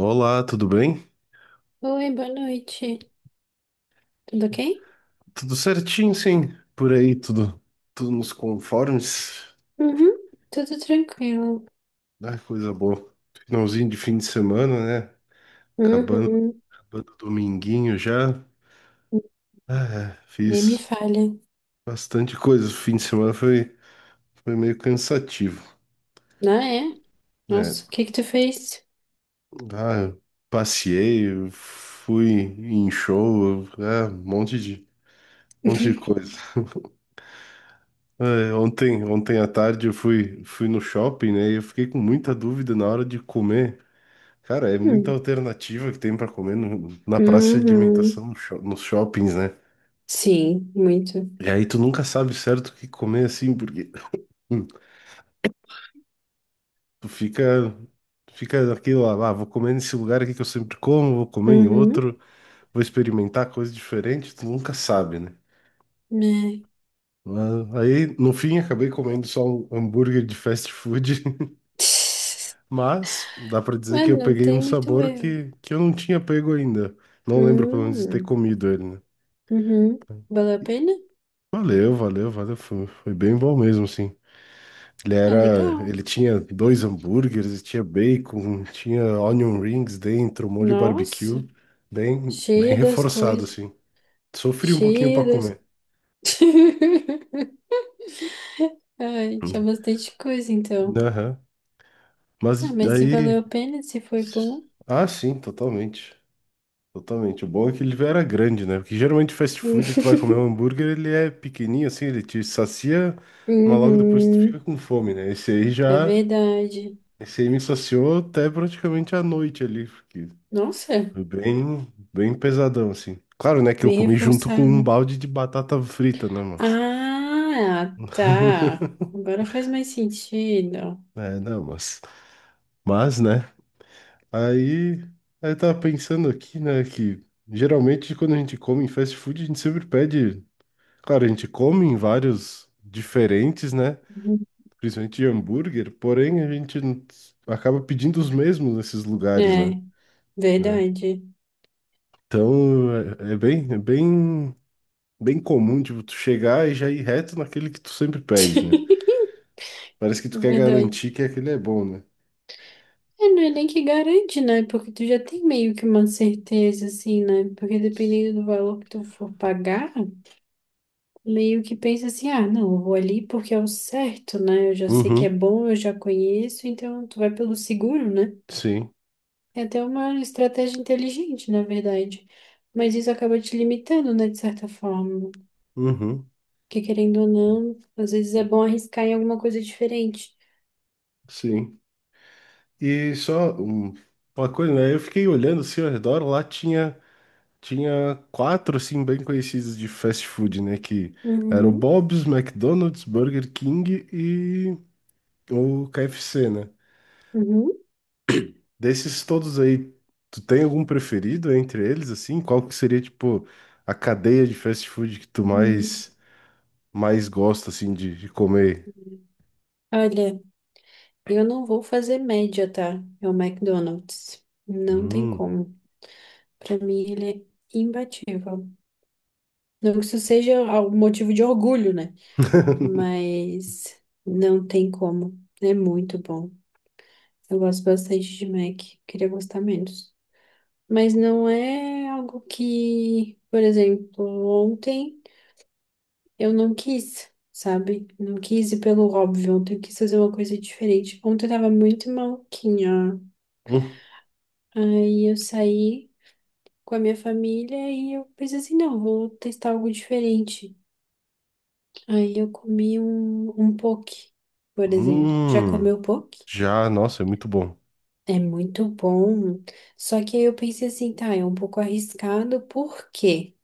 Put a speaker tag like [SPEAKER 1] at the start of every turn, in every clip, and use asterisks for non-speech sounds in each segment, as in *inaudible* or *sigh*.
[SPEAKER 1] Olá, tudo bem?
[SPEAKER 2] Oi, boa noite. Tudo ok?
[SPEAKER 1] Tudo certinho, sim. Por aí, tudo, tudo nos conformes.
[SPEAKER 2] Uhum, tudo tranquilo.
[SPEAKER 1] Ah, coisa boa. Finalzinho de fim de semana, né? Acabando,
[SPEAKER 2] Uhum.
[SPEAKER 1] acabando o dominguinho já. Ah, é,
[SPEAKER 2] Nem me
[SPEAKER 1] fiz
[SPEAKER 2] falha.
[SPEAKER 1] bastante coisa. O fim de semana foi, foi meio cansativo,
[SPEAKER 2] Ah, é?
[SPEAKER 1] né?
[SPEAKER 2] Nossa, o que que tu fez?
[SPEAKER 1] Ah, eu passeei, eu fui em show, ah, um monte de
[SPEAKER 2] *laughs*
[SPEAKER 1] coisa. Ah, é, ontem, ontem à tarde eu fui, fui no shopping, né? E eu fiquei com muita dúvida na hora de comer. Cara, é muita
[SPEAKER 2] Uhum.
[SPEAKER 1] alternativa que tem pra comer na praça de
[SPEAKER 2] Uhum.
[SPEAKER 1] alimentação, no sho- nos shoppings, né?
[SPEAKER 2] Sim, muito.
[SPEAKER 1] E aí tu nunca sabe certo o que comer assim, porque hum, tu fica, fica naquilo lá, ah, vou comer nesse lugar aqui que eu sempre como, vou comer em
[SPEAKER 2] Uhum.
[SPEAKER 1] outro, vou experimentar coisa diferente, tu nunca sabe, né?
[SPEAKER 2] É.
[SPEAKER 1] Mas aí, no fim, acabei comendo só um hambúrguer de fast food, *laughs*
[SPEAKER 2] *laughs*
[SPEAKER 1] mas dá pra dizer que
[SPEAKER 2] Mano,
[SPEAKER 1] eu
[SPEAKER 2] não
[SPEAKER 1] peguei um
[SPEAKER 2] tem muito
[SPEAKER 1] sabor
[SPEAKER 2] erro.
[SPEAKER 1] que eu não tinha pego ainda. Não lembro, pelo menos, de ter
[SPEAKER 2] Uhum.
[SPEAKER 1] comido ele, né?
[SPEAKER 2] Uhum. Valeu a pena?
[SPEAKER 1] Valeu, valeu, valeu. Foi, foi bem bom mesmo, sim. Ele
[SPEAKER 2] Ah,
[SPEAKER 1] era,
[SPEAKER 2] legal.
[SPEAKER 1] ele tinha dois hambúrgueres, e tinha bacon, tinha onion rings dentro, molho
[SPEAKER 2] Nossa,
[SPEAKER 1] barbecue, bem, bem
[SPEAKER 2] cheia das
[SPEAKER 1] reforçado,
[SPEAKER 2] coisas.
[SPEAKER 1] assim. Sofri um pouquinho
[SPEAKER 2] Cheia
[SPEAKER 1] para
[SPEAKER 2] das...
[SPEAKER 1] comer.
[SPEAKER 2] *laughs* Ai, tinha bastante coisa, então.
[SPEAKER 1] Aham.
[SPEAKER 2] Ah,
[SPEAKER 1] Mas
[SPEAKER 2] mas se valeu
[SPEAKER 1] daí,
[SPEAKER 2] a pena, se foi bom.
[SPEAKER 1] ah, sim, totalmente. Totalmente. O bom é que ele era grande, né? Porque geralmente fast food, tu vai comer um
[SPEAKER 2] *laughs*
[SPEAKER 1] hambúrguer, ele é pequenininho assim, ele te sacia, mas logo depois tu fica
[SPEAKER 2] Uhum,
[SPEAKER 1] com fome, né?
[SPEAKER 2] é verdade.
[SPEAKER 1] Esse aí me saciou até praticamente à noite ali, porque
[SPEAKER 2] Nossa,
[SPEAKER 1] foi bem, bem pesadão, assim. Claro, né, que eu
[SPEAKER 2] bem
[SPEAKER 1] comi junto com um
[SPEAKER 2] reforçado.
[SPEAKER 1] balde de batata frita, né, moço?
[SPEAKER 2] Ah, tá.
[SPEAKER 1] *laughs*
[SPEAKER 2] Agora faz mais sentido.
[SPEAKER 1] É, não, mas, né, aí, aí eu tava pensando aqui, né, que geralmente quando a gente come em fast food, a gente sempre pede, claro, a gente come em vários diferentes, né,
[SPEAKER 2] Uhum.
[SPEAKER 1] principalmente de hambúrguer, porém a gente não- acaba pedindo os mesmos nesses lugares,
[SPEAKER 2] É,
[SPEAKER 1] né, né,
[SPEAKER 2] verdade.
[SPEAKER 1] então é bem, é bem bem comum, tipo, tu chegar e já ir reto naquele que tu sempre pede, né?
[SPEAKER 2] *laughs*
[SPEAKER 1] Parece que tu quer
[SPEAKER 2] Verdade.
[SPEAKER 1] garantir que aquele é bom, né?
[SPEAKER 2] É, não é nem que garante, né? Porque tu já tem meio que uma certeza, assim, né? Porque dependendo do valor que tu for pagar, meio que pensa assim, ah, não, eu vou ali porque é o certo, né? Eu já sei que é
[SPEAKER 1] Uhum,
[SPEAKER 2] bom, eu já conheço, então tu vai pelo seguro, né?
[SPEAKER 1] sim,
[SPEAKER 2] É até uma estratégia inteligente, na verdade. Mas isso acaba te limitando, né, de certa forma.
[SPEAKER 1] uhum,
[SPEAKER 2] Porque querendo ou não, às vezes é bom arriscar em alguma coisa diferente.
[SPEAKER 1] sim. E só uma coisa, né? Eu fiquei olhando assim ao redor, lá tinha, tinha quatro, assim, bem conhecidos de fast food, né? Que era o
[SPEAKER 2] Uhum,
[SPEAKER 1] Bob's, McDonald's, Burger King e o KFC, né?
[SPEAKER 2] uhum,
[SPEAKER 1] Desses todos aí, tu tem algum preferido entre eles, assim? Qual que seria, tipo, a cadeia de fast food que tu
[SPEAKER 2] uhum.
[SPEAKER 1] mais, mais gosta, assim, de comer?
[SPEAKER 2] Olha, eu não vou fazer média, tá? É o McDonald's. Não tem
[SPEAKER 1] Hum,
[SPEAKER 2] como. Pra mim, ele é imbatível. Não que isso seja o motivo de orgulho, né? Mas não tem como. É muito bom. Eu gosto bastante de Mac, queria gostar menos. Mas não é algo que, por exemplo, ontem eu não quis, sabe? Não quis ir pelo óbvio, ontem eu quis fazer uma coisa diferente. Ontem eu tava muito maluquinha.
[SPEAKER 1] hum,
[SPEAKER 2] Aí eu saí com a minha família e eu pensei assim, não, vou testar algo diferente. Aí eu comi um poke, por exemplo. Já
[SPEAKER 1] hum,
[SPEAKER 2] comeu poke?
[SPEAKER 1] já, nossa, é muito bom.
[SPEAKER 2] É muito bom. Só que aí eu pensei assim, tá, é um pouco arriscado, porque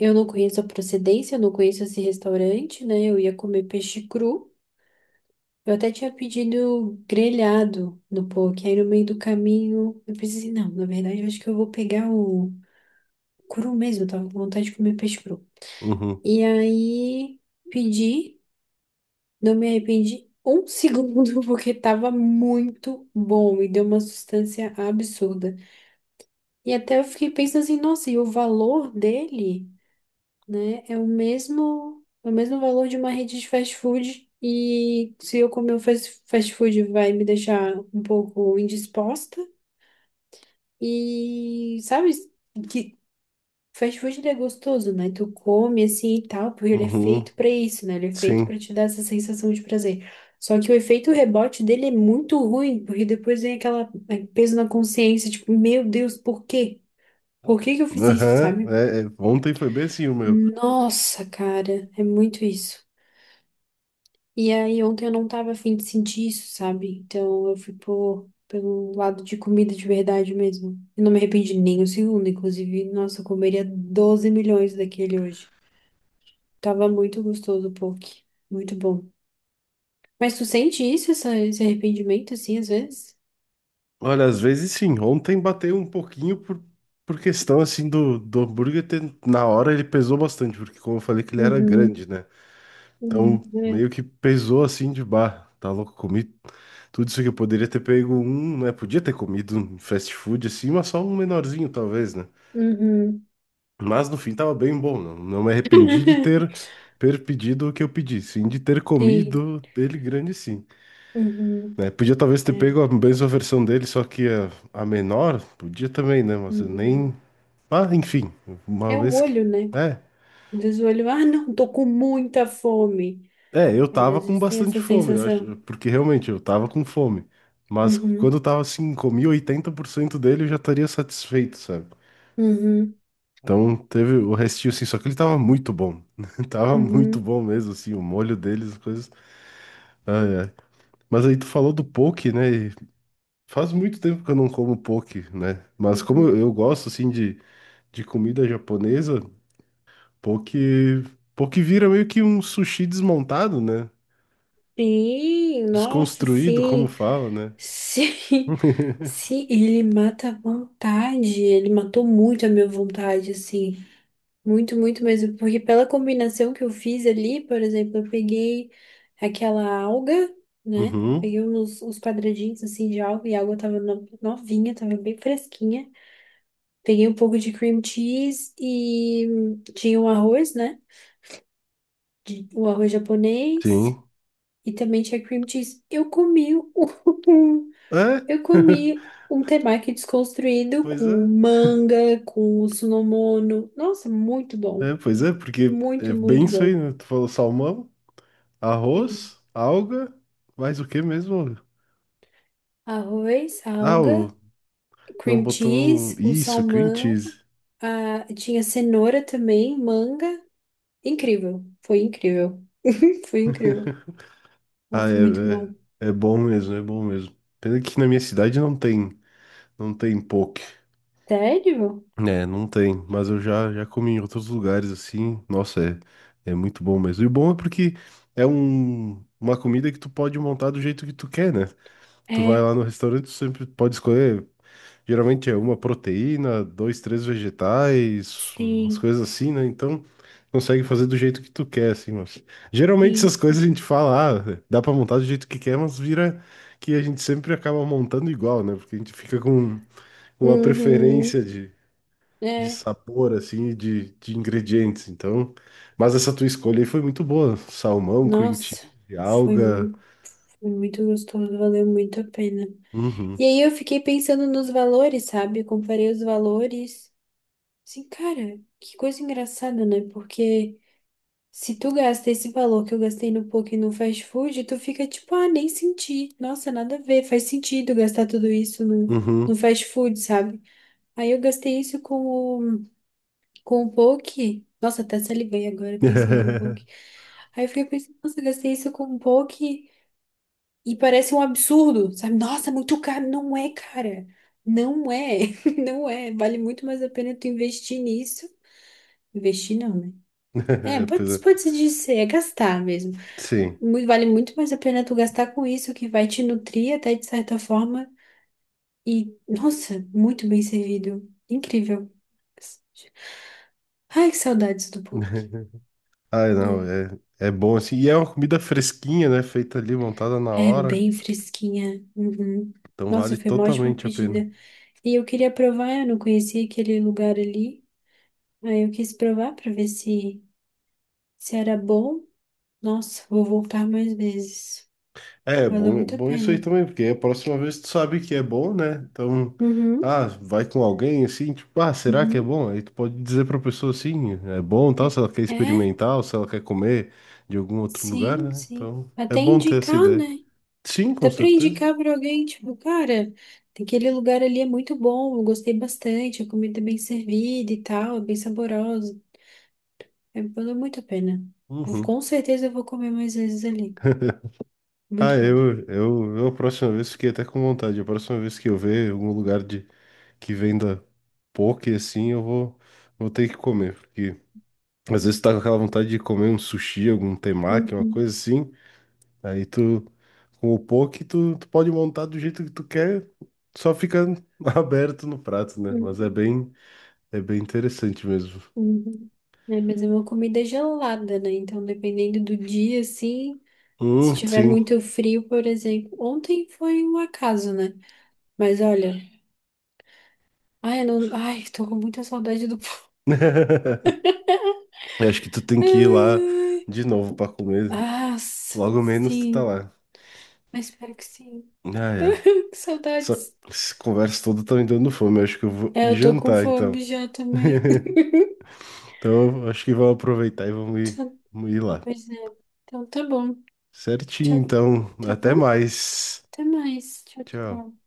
[SPEAKER 2] eu não conheço a procedência, eu não conheço esse restaurante, né? Eu ia comer peixe cru. Eu até tinha pedido grelhado no poke, aí no meio do caminho eu pensei assim, não, na verdade eu acho que eu vou pegar o cru mesmo, eu tava com vontade de comer peixe cru.
[SPEAKER 1] Uhum,
[SPEAKER 2] E aí pedi, não me arrependi um segundo, *laughs* porque tava muito bom e deu uma sustância absurda. E até eu fiquei pensando assim, nossa, e o valor dele, né, é o mesmo valor de uma rede de fast food. E se eu comer o fast food vai me deixar um pouco indisposta. E sabe que fast food ele é gostoso, né? Tu come assim e tal, porque ele é
[SPEAKER 1] uhum,
[SPEAKER 2] feito pra isso, né? Ele é feito pra
[SPEAKER 1] sim.
[SPEAKER 2] te dar essa sensação de prazer. Só que o efeito rebote dele é muito ruim, porque depois vem aquela peso na consciência, tipo, meu Deus, por quê? Por que que eu fiz isso,
[SPEAKER 1] Aham,
[SPEAKER 2] sabe?
[SPEAKER 1] é, é, ontem foi bem assim o meu.
[SPEAKER 2] Nossa, cara, é muito isso. E aí, ontem eu não tava afim de sentir isso, sabe? Então eu fui pelo lado de comida de verdade mesmo. E não me arrependi nem um segundo, inclusive. Nossa, eu comeria 12 milhões daquele hoje. Tava muito gostoso o poke. Muito bom. Mas tu sente isso, esse arrependimento, assim, às vezes?
[SPEAKER 1] Olha, às vezes sim, ontem bateu um pouquinho por questão, assim, do hambúrguer ter, na hora ele pesou bastante, porque como eu falei que ele era
[SPEAKER 2] Uhum.
[SPEAKER 1] grande, né?
[SPEAKER 2] Uhum.
[SPEAKER 1] Então,
[SPEAKER 2] É.
[SPEAKER 1] meio que pesou assim de bar. Tá louco, comi tudo isso que eu poderia ter pego um, né? Podia ter comido um fast food assim, mas só um menorzinho talvez, né?
[SPEAKER 2] Uhum.
[SPEAKER 1] Mas no fim tava bem bom, não, não me arrependi de ter,
[SPEAKER 2] *laughs*
[SPEAKER 1] ter pedido o que eu pedi, sim, de ter
[SPEAKER 2] Sim.
[SPEAKER 1] comido dele grande sim.
[SPEAKER 2] Uhum.
[SPEAKER 1] Né? Podia talvez ter
[SPEAKER 2] É.
[SPEAKER 1] pego a mesma versão dele, só que a menor, podia também, né? Mas eu
[SPEAKER 2] Uhum.
[SPEAKER 1] nem... Ah, enfim, uma
[SPEAKER 2] É o
[SPEAKER 1] vez que...
[SPEAKER 2] olho, né?
[SPEAKER 1] É,
[SPEAKER 2] Diz o olho, ah, não, tô com muita fome.
[SPEAKER 1] é, eu
[SPEAKER 2] Aí
[SPEAKER 1] tava
[SPEAKER 2] às
[SPEAKER 1] com
[SPEAKER 2] vezes tem
[SPEAKER 1] bastante
[SPEAKER 2] essa
[SPEAKER 1] fome, eu
[SPEAKER 2] sensação.
[SPEAKER 1] acho, porque realmente eu tava com fome. Mas quando eu
[SPEAKER 2] Uhum,
[SPEAKER 1] tava assim, comi 80% dele, eu já estaria satisfeito, sabe?
[SPEAKER 2] uhum,
[SPEAKER 1] Então teve o restinho assim, só que ele tava muito bom. *laughs* Tava muito
[SPEAKER 2] uhum,
[SPEAKER 1] bom mesmo, assim, o molho deles, as coisas. Ai, ai. Mas aí tu falou do poke, né? E faz muito tempo que eu não como poke, né? Mas como eu
[SPEAKER 2] uhum.
[SPEAKER 1] eu gosto, assim, de comida japonesa, poke, poke vira meio que um sushi desmontado, né?
[SPEAKER 2] Sim, nossa,
[SPEAKER 1] Desconstruído, como
[SPEAKER 2] sim,
[SPEAKER 1] fala, né?
[SPEAKER 2] sim,
[SPEAKER 1] *laughs*
[SPEAKER 2] sim, ele mata a vontade, ele matou muito a minha vontade, assim, muito, muito mesmo, porque pela combinação que eu fiz ali, por exemplo, eu peguei aquela alga, né,
[SPEAKER 1] Uhum,
[SPEAKER 2] peguei uns quadradinhos, assim, de alga, e a alga tava novinha, tava bem fresquinha. Peguei um pouco de cream cheese e tinha o arroz, né? O arroz japonês
[SPEAKER 1] sim.
[SPEAKER 2] e também tinha cream cheese. Eu comi um, *laughs*
[SPEAKER 1] É?
[SPEAKER 2] eu
[SPEAKER 1] *laughs*
[SPEAKER 2] comi um temaki desconstruído
[SPEAKER 1] Pois
[SPEAKER 2] com
[SPEAKER 1] é.
[SPEAKER 2] manga, com sunomono. Nossa, muito bom.
[SPEAKER 1] É, pois é, porque é
[SPEAKER 2] Muito,
[SPEAKER 1] bem
[SPEAKER 2] muito
[SPEAKER 1] isso aí,
[SPEAKER 2] bom.
[SPEAKER 1] né? Tu falou salmão,
[SPEAKER 2] E
[SPEAKER 1] arroz, alga, mais o que mesmo?
[SPEAKER 2] arroz,
[SPEAKER 1] Ah, o,
[SPEAKER 2] alga,
[SPEAKER 1] não
[SPEAKER 2] cream
[SPEAKER 1] botou
[SPEAKER 2] cheese, o
[SPEAKER 1] isso, cream
[SPEAKER 2] salmão,
[SPEAKER 1] cheese.
[SPEAKER 2] tinha cenoura também, manga. Incrível. Foi incrível. *laughs* Foi incrível.
[SPEAKER 1] Ah,
[SPEAKER 2] Nossa, muito
[SPEAKER 1] é,
[SPEAKER 2] bom.
[SPEAKER 1] é, é bom mesmo, é bom mesmo. Pena que na minha cidade não tem, não tem poke.
[SPEAKER 2] Sério?
[SPEAKER 1] É, não tem, mas eu já, já comi em outros lugares assim. Nossa, é, é muito bom mesmo. E o bom é porque é um, uma comida que tu pode montar do jeito que tu quer, né? Tu vai
[SPEAKER 2] É,
[SPEAKER 1] lá no restaurante, tu sempre pode escolher. Geralmente é uma proteína, dois, três vegetais, umas
[SPEAKER 2] sim,
[SPEAKER 1] coisas assim, né? Então, consegue fazer do jeito que tu quer, assim, mas... Geralmente essas
[SPEAKER 2] sim.
[SPEAKER 1] coisas a gente fala, ah, dá pra montar do jeito que quer, mas vira que a gente sempre acaba montando igual, né? Porque a gente fica com uma
[SPEAKER 2] Uhum,
[SPEAKER 1] preferência de
[SPEAKER 2] é.
[SPEAKER 1] sabor, assim, e de ingredientes, então... Mas essa tua escolha aí foi muito boa. Salmão, cream
[SPEAKER 2] Nossa,
[SPEAKER 1] cheese,
[SPEAKER 2] foi,
[SPEAKER 1] alga...
[SPEAKER 2] mu- foi muito gostoso, valeu muito a pena.
[SPEAKER 1] Uhum,
[SPEAKER 2] E aí eu fiquei pensando nos valores, sabe? Eu comparei os valores. Assim, cara, que coisa engraçada, né? Porque se tu gasta esse valor que eu gastei no poke e no fast food, tu fica tipo, ah, nem senti. Nossa, nada a ver, faz sentido gastar tudo isso no
[SPEAKER 1] uhum.
[SPEAKER 2] fast food, sabe? Aí eu gastei isso o Com o poke? Nossa, até salivei agora pensando no poke.
[SPEAKER 1] *laughs*
[SPEAKER 2] Aí eu fiquei pensando, nossa, eu gastei isso com poke e parece um absurdo, sabe? Nossa, é muito caro. Não é, cara. Não é. *laughs* Não é. Vale muito mais a pena tu investir nisso. Investir não, né? É,
[SPEAKER 1] *laughs* Pois é.
[SPEAKER 2] pode se dizer, é gastar mesmo.
[SPEAKER 1] Sim.
[SPEAKER 2] Vale muito mais a pena tu gastar com isso, que vai te nutrir até de certa forma. E, nossa, muito bem servido. Incrível. Ai, que saudades do poke,
[SPEAKER 1] *laughs* Ai, não,
[SPEAKER 2] né?
[SPEAKER 1] é, é bom assim. E é uma comida fresquinha, né? Feita ali, montada na
[SPEAKER 2] É
[SPEAKER 1] hora.
[SPEAKER 2] bem fresquinha. Uhum.
[SPEAKER 1] Então vale
[SPEAKER 2] Nossa, foi uma ótima
[SPEAKER 1] totalmente a pena.
[SPEAKER 2] pedida. E eu queria provar, eu não conhecia aquele lugar ali. Aí eu quis provar para ver se era bom. Nossa, vou voltar mais vezes.
[SPEAKER 1] É,
[SPEAKER 2] Valeu
[SPEAKER 1] é
[SPEAKER 2] muito a
[SPEAKER 1] bom isso aí
[SPEAKER 2] pena.
[SPEAKER 1] também, porque a próxima vez tu sabe que é bom, né? Então,
[SPEAKER 2] Uhum,
[SPEAKER 1] ah, vai com alguém assim, tipo, ah, será que é
[SPEAKER 2] uhum.
[SPEAKER 1] bom? Aí tu pode dizer pra pessoa assim, é bom,
[SPEAKER 2] É,
[SPEAKER 1] tal, se ela quer
[SPEAKER 2] é,
[SPEAKER 1] experimentar ou se ela quer comer de algum outro lugar,
[SPEAKER 2] sim,
[SPEAKER 1] né?
[SPEAKER 2] sim.
[SPEAKER 1] Então, é
[SPEAKER 2] Até
[SPEAKER 1] bom ter essa
[SPEAKER 2] indicar,
[SPEAKER 1] ideia.
[SPEAKER 2] né?
[SPEAKER 1] Sim, com
[SPEAKER 2] Até para
[SPEAKER 1] certeza.
[SPEAKER 2] indicar para alguém, tipo, cara, aquele lugar ali é muito bom, eu gostei bastante, a comida é bem servida e tal, é bem saborosa. É, valeu muito a pena. Vou-
[SPEAKER 1] Uhum.
[SPEAKER 2] com certeza eu vou comer mais vezes ali.
[SPEAKER 1] Ah,
[SPEAKER 2] Muito bom.
[SPEAKER 1] eu a próxima vez fiquei até com vontade. A próxima vez que eu ver algum lugar de, que venda poke assim, eu vou, vou ter que comer. Porque às vezes tá com aquela vontade de comer um sushi, algum temaki, uma coisa
[SPEAKER 2] Uhum,
[SPEAKER 1] assim. Aí tu, com o poke, tu, tu pode montar do jeito que tu quer, só fica *laughs* aberto no prato, né? Mas
[SPEAKER 2] uhum,
[SPEAKER 1] é bem interessante mesmo.
[SPEAKER 2] uhum. É, mas é uma comida gelada, né? Então, dependendo do dia, assim, se tiver
[SPEAKER 1] Sim.
[SPEAKER 2] muito frio, por exemplo. Ontem foi um acaso, né? Mas olha, ai, eu não, ai, tô com muita saudade do. *laughs*
[SPEAKER 1] *laughs* Eu acho que tu tem que ir
[SPEAKER 2] Ai,
[SPEAKER 1] lá
[SPEAKER 2] ai.
[SPEAKER 1] de novo pra comer.
[SPEAKER 2] Ah, s-
[SPEAKER 1] Logo menos tu tá
[SPEAKER 2] sim,
[SPEAKER 1] lá.
[SPEAKER 2] mas espero que sim.
[SPEAKER 1] Ah,
[SPEAKER 2] *laughs*
[SPEAKER 1] é.
[SPEAKER 2] Que
[SPEAKER 1] Essa
[SPEAKER 2] saudades.
[SPEAKER 1] essa conversa toda tá me dando fome. Acho que eu vou
[SPEAKER 2] É,
[SPEAKER 1] ir
[SPEAKER 2] eu tô com
[SPEAKER 1] jantar, então.
[SPEAKER 2] fome já também.
[SPEAKER 1] *laughs*
[SPEAKER 2] *laughs*
[SPEAKER 1] Então, acho que vamos aproveitar e
[SPEAKER 2] Então,
[SPEAKER 1] vamos ir lá.
[SPEAKER 2] pois é. Então tá bom. Tá,
[SPEAKER 1] Certinho, então.
[SPEAKER 2] tá
[SPEAKER 1] Até
[SPEAKER 2] bom?
[SPEAKER 1] mais.
[SPEAKER 2] Até mais. Tchau,
[SPEAKER 1] Tchau.
[SPEAKER 2] tchau.